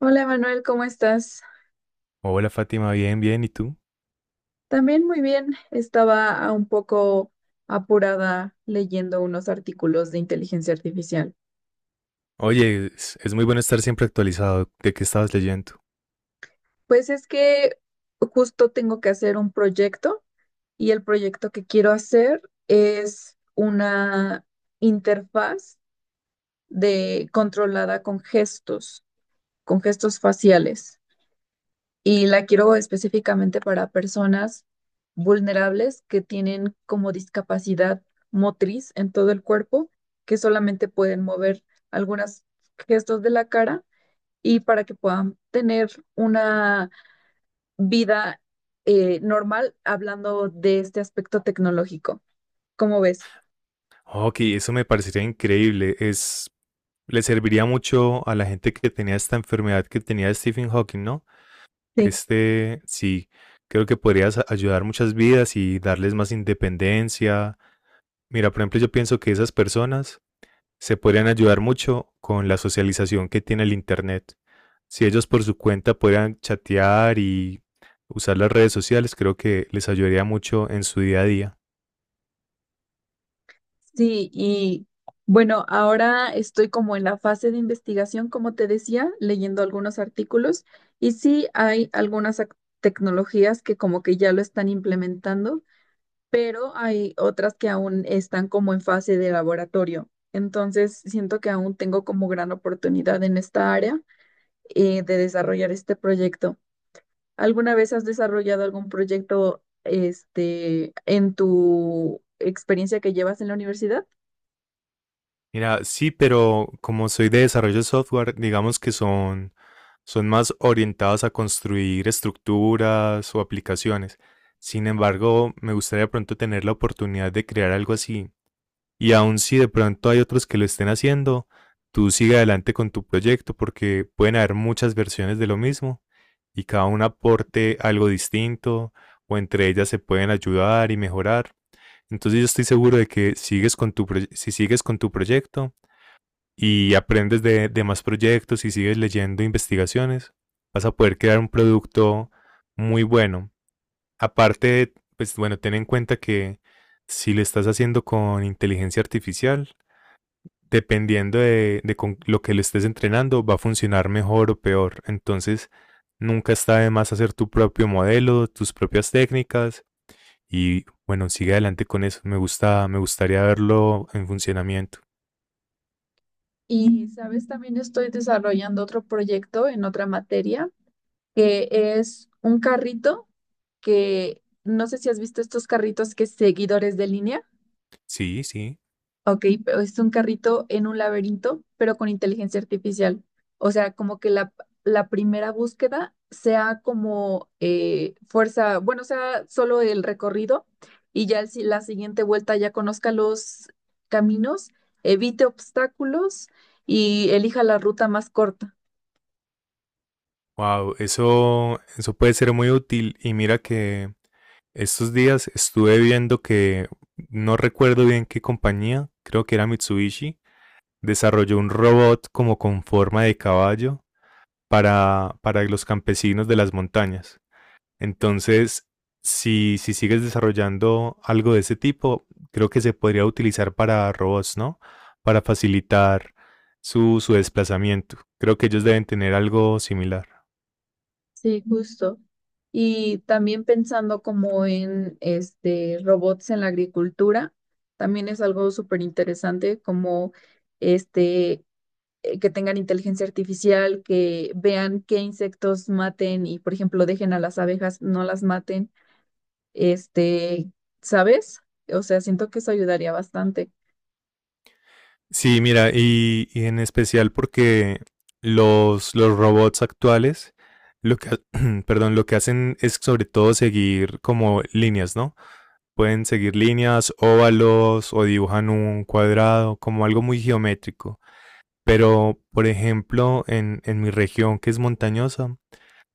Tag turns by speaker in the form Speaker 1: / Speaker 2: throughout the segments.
Speaker 1: Hola Manuel, ¿cómo estás?
Speaker 2: Hola Fátima, bien, bien, ¿y tú?
Speaker 1: También muy bien. Estaba un poco apurada leyendo unos artículos de inteligencia artificial.
Speaker 2: Oye, es muy bueno estar siempre actualizado de qué estabas leyendo.
Speaker 1: Pues es que justo tengo que hacer un proyecto y el proyecto que quiero hacer es una interfaz de controlada con gestos faciales. Y la quiero específicamente para personas vulnerables que tienen como discapacidad motriz en todo el cuerpo, que solamente pueden mover algunos gestos de la cara y para que puedan tener una vida normal hablando de este aspecto tecnológico. ¿Cómo ves?
Speaker 2: Ok, eso me parecería increíble. Es, le serviría mucho a la gente que tenía esta enfermedad que tenía Stephen Hawking, ¿no?
Speaker 1: Sí.
Speaker 2: Este, sí, creo que podrías ayudar muchas vidas y darles más independencia. Mira, por ejemplo, yo pienso que esas personas se podrían ayudar mucho con la socialización que tiene el Internet. Si ellos por su cuenta pudieran chatear y usar las redes sociales, creo que les ayudaría mucho en su día a día.
Speaker 1: Sí, y bueno, ahora estoy como en la fase de investigación, como te decía, leyendo algunos artículos y sí hay algunas tecnologías que como que ya lo están implementando, pero hay otras que aún están como en fase de laboratorio. Entonces, siento que aún tengo como gran oportunidad en esta área de desarrollar este proyecto. ¿Alguna vez has desarrollado algún proyecto este en tu experiencia que llevas en la universidad?
Speaker 2: Mira, sí, pero como soy de desarrollo de software, digamos que son más orientados a construir estructuras o aplicaciones. Sin embargo, me gustaría pronto tener la oportunidad de crear algo así, y aun si de pronto hay otros que lo estén haciendo, tú sigue adelante con tu proyecto porque pueden haber muchas versiones de lo mismo y cada una aporte algo distinto o entre ellas se pueden ayudar y mejorar. Entonces yo estoy seguro de que sigues con tu proye- si sigues con tu proyecto y aprendes de más proyectos y sigues leyendo investigaciones, vas a poder crear un producto muy bueno. Aparte, pues bueno, ten en cuenta que si lo estás haciendo con inteligencia artificial, dependiendo de con lo que le estés entrenando, va a funcionar mejor o peor. Entonces, nunca está de más hacer tu propio modelo, tus propias técnicas y bueno, sigue adelante con eso. Me gusta, me gustaría verlo en funcionamiento.
Speaker 1: Y, sabes, también estoy desarrollando otro proyecto en otra materia, que es un carrito que no sé si has visto estos carritos que es seguidores de línea.
Speaker 2: Sí, sí.
Speaker 1: Ok, pero es un carrito en un laberinto, pero con inteligencia artificial. O sea, como que la primera búsqueda sea como fuerza, bueno, sea solo el recorrido y ya el la siguiente vuelta ya conozca los caminos, evite obstáculos y elija la ruta más corta.
Speaker 2: Wow, eso puede ser muy útil. Y mira que estos días estuve viendo que no recuerdo bien qué compañía, creo que era Mitsubishi, desarrolló un robot como con forma de caballo para los campesinos de las montañas. Entonces, si sigues desarrollando algo de ese tipo, creo que se podría utilizar para robots, ¿no? Para facilitar su desplazamiento. Creo que ellos deben tener algo similar.
Speaker 1: Sí, justo. Y también pensando como en este robots en la agricultura, también es algo súper interesante como este que tengan inteligencia artificial, que vean qué insectos maten y por ejemplo dejen a las abejas, no las maten, este, ¿sabes? O sea, siento que eso ayudaría bastante.
Speaker 2: Sí, mira, y en especial porque los robots actuales, lo que, perdón, lo que hacen es sobre todo seguir como líneas, ¿no? Pueden seguir líneas, óvalos o dibujan un cuadrado, como algo muy geométrico. Pero, por ejemplo, en mi región que es montañosa,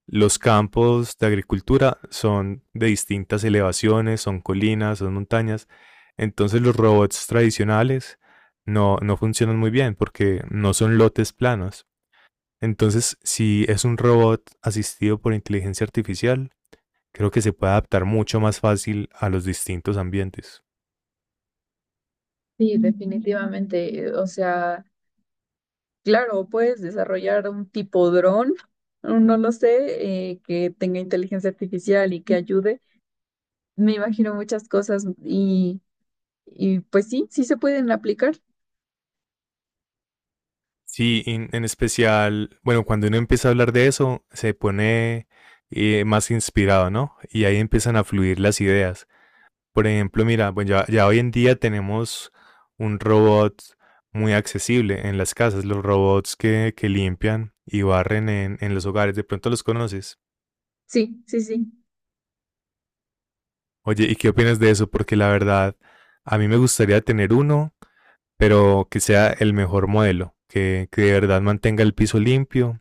Speaker 2: los campos de agricultura son de distintas elevaciones, son colinas, son montañas. Entonces los robots tradicionales no funcionan muy bien porque no son lotes planos. Entonces, si es un robot asistido por inteligencia artificial, creo que se puede adaptar mucho más fácil a los distintos ambientes.
Speaker 1: Sí, definitivamente. O sea, claro, puedes desarrollar un tipo dron, no lo sé, que tenga inteligencia artificial y que ayude. Me imagino muchas cosas y pues sí, sí se pueden aplicar.
Speaker 2: Sí, en especial, bueno, cuando uno empieza a hablar de eso, se pone más inspirado, ¿no? Y ahí empiezan a fluir las ideas. Por ejemplo, mira, pues ya hoy en día tenemos un robot muy accesible en las casas, los robots que limpian y barren en los hogares, de pronto los conoces.
Speaker 1: Sí, sí, sí.
Speaker 2: Oye, ¿y qué opinas de eso? Porque la verdad, a mí me gustaría tener uno, pero que sea el mejor modelo, que de verdad mantenga el piso limpio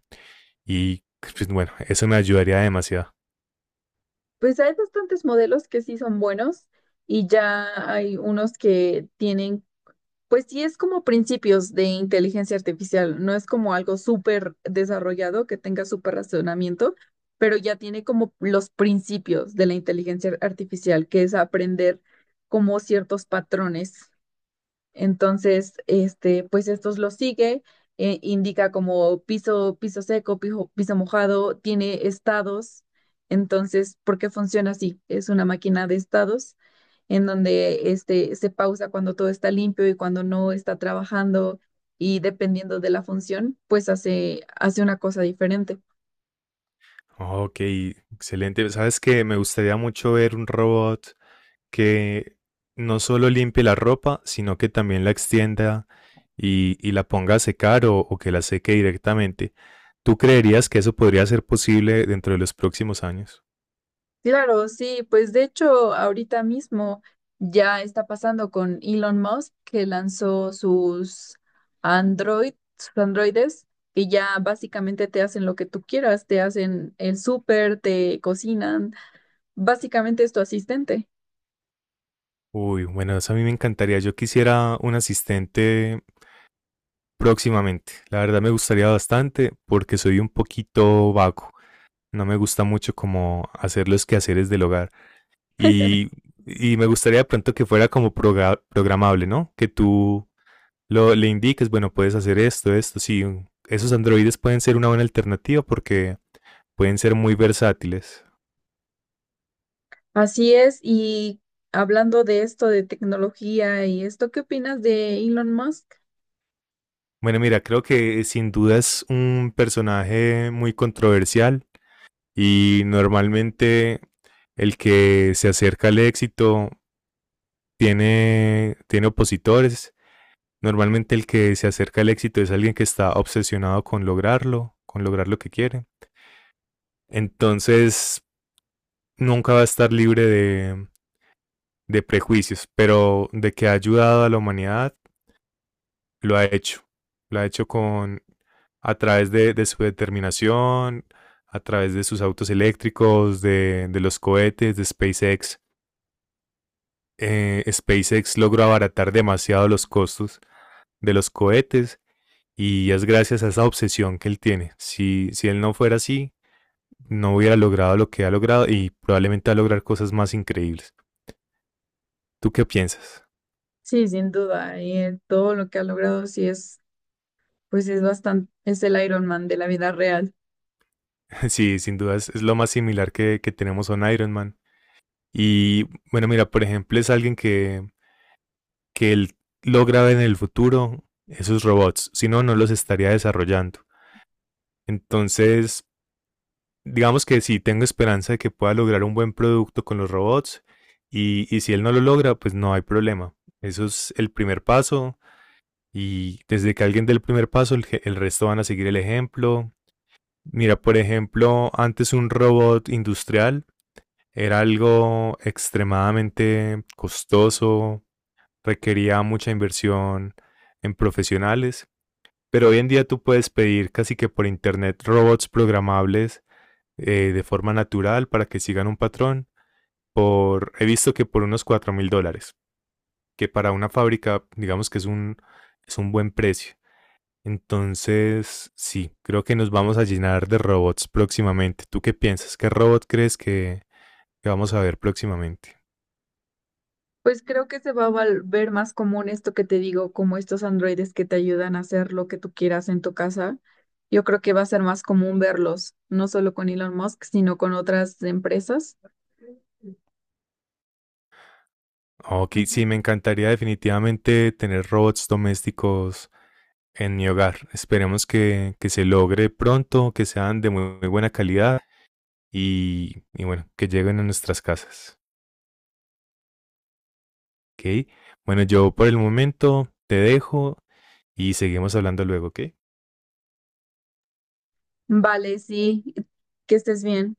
Speaker 2: y pues bueno, eso me ayudaría demasiado.
Speaker 1: Pues hay bastantes modelos que sí son buenos y ya hay unos que tienen. Pues sí, es como principios de inteligencia artificial, no es como algo súper desarrollado que tenga súper razonamiento, pero ya tiene como los principios de la inteligencia artificial, que es aprender como ciertos patrones. Entonces, este, pues estos los sigue, indica como piso, piso seco, piso mojado, tiene estados. Entonces, ¿por qué funciona así? Es una máquina de estados en donde este, se pausa cuando todo está limpio y cuando no está trabajando y dependiendo de la función, pues hace una cosa diferente.
Speaker 2: Ok, excelente. Sabes que me gustaría mucho ver un robot que no solo limpie la ropa, sino que también la extienda y la ponga a secar o que la seque directamente. ¿Tú creerías que eso podría ser posible dentro de los próximos años?
Speaker 1: Claro, sí, pues de hecho ahorita mismo ya está pasando con Elon Musk que lanzó sus Android, sus androides y ya básicamente te hacen lo que tú quieras, te hacen el súper, te cocinan, básicamente es tu asistente.
Speaker 2: Uy, bueno, eso a mí me encantaría. Yo quisiera un asistente próximamente. La verdad me gustaría bastante porque soy un poquito vago. No me gusta mucho como hacer los quehaceres del hogar. Y, y me gustaría de pronto que fuera como programable, ¿no? Que tú lo, le indiques bueno, puedes hacer esto, esto, sí. Esos androides pueden ser una buena alternativa porque pueden ser muy versátiles.
Speaker 1: Así es, y hablando de esto de tecnología y esto, ¿qué opinas de Elon Musk?
Speaker 2: Bueno, mira, creo que sin duda es un personaje muy controversial y normalmente el que se acerca al éxito tiene opositores. Normalmente el que se acerca al éxito es alguien que está obsesionado con lograrlo, con lograr lo que quiere. Entonces, nunca va a estar libre de prejuicios, pero de que ha ayudado a la humanidad, lo ha hecho. Lo ha hecho con a través de su determinación, a través de sus autos eléctricos, de los cohetes, de SpaceX. SpaceX logró abaratar demasiado los costos de los cohetes y es gracias a esa obsesión que él tiene. Si él no fuera así, no hubiera logrado lo que ha logrado y probablemente va a lograr cosas más increíbles. ¿Tú qué piensas?
Speaker 1: Sí, sin duda, todo lo que ha logrado sí es, pues es bastante, es el Iron Man de la vida real.
Speaker 2: Sí, sin duda es lo más similar que tenemos a un Iron Man. Y bueno, mira, por ejemplo, es alguien que él logra ver en el futuro esos robots, si no, no los estaría desarrollando. Entonces, digamos que sí, tengo esperanza de que pueda lograr un buen producto con los robots y si él no lo logra, pues no hay problema. Eso es el primer paso y desde que alguien dé el primer paso, el resto van a seguir el ejemplo. Mira, por ejemplo, antes un robot industrial era algo extremadamente costoso, requería mucha inversión en profesionales, pero hoy en día tú puedes pedir casi que por internet robots programables de forma natural para que sigan un patrón. Por, he visto que por unos $4.000, que para una fábrica digamos que es un buen precio. Entonces, sí, creo que nos vamos a llenar de robots próximamente. ¿Tú qué piensas? ¿Qué robot crees que vamos a ver próximamente?
Speaker 1: Pues creo que se va a ver más común esto que te digo, como estos androides que te ayudan a hacer lo que tú quieras en tu casa. Yo creo que va a ser más común verlos, no solo con Elon Musk, sino con otras empresas.
Speaker 2: Ok, sí, me encantaría definitivamente tener robots domésticos en mi hogar. Esperemos que se logre pronto, que sean de muy, muy buena calidad y bueno, que lleguen a nuestras casas. Ok, bueno, yo por el momento te dejo y seguimos hablando luego, ¿ok?
Speaker 1: Vale, sí, que estés bien.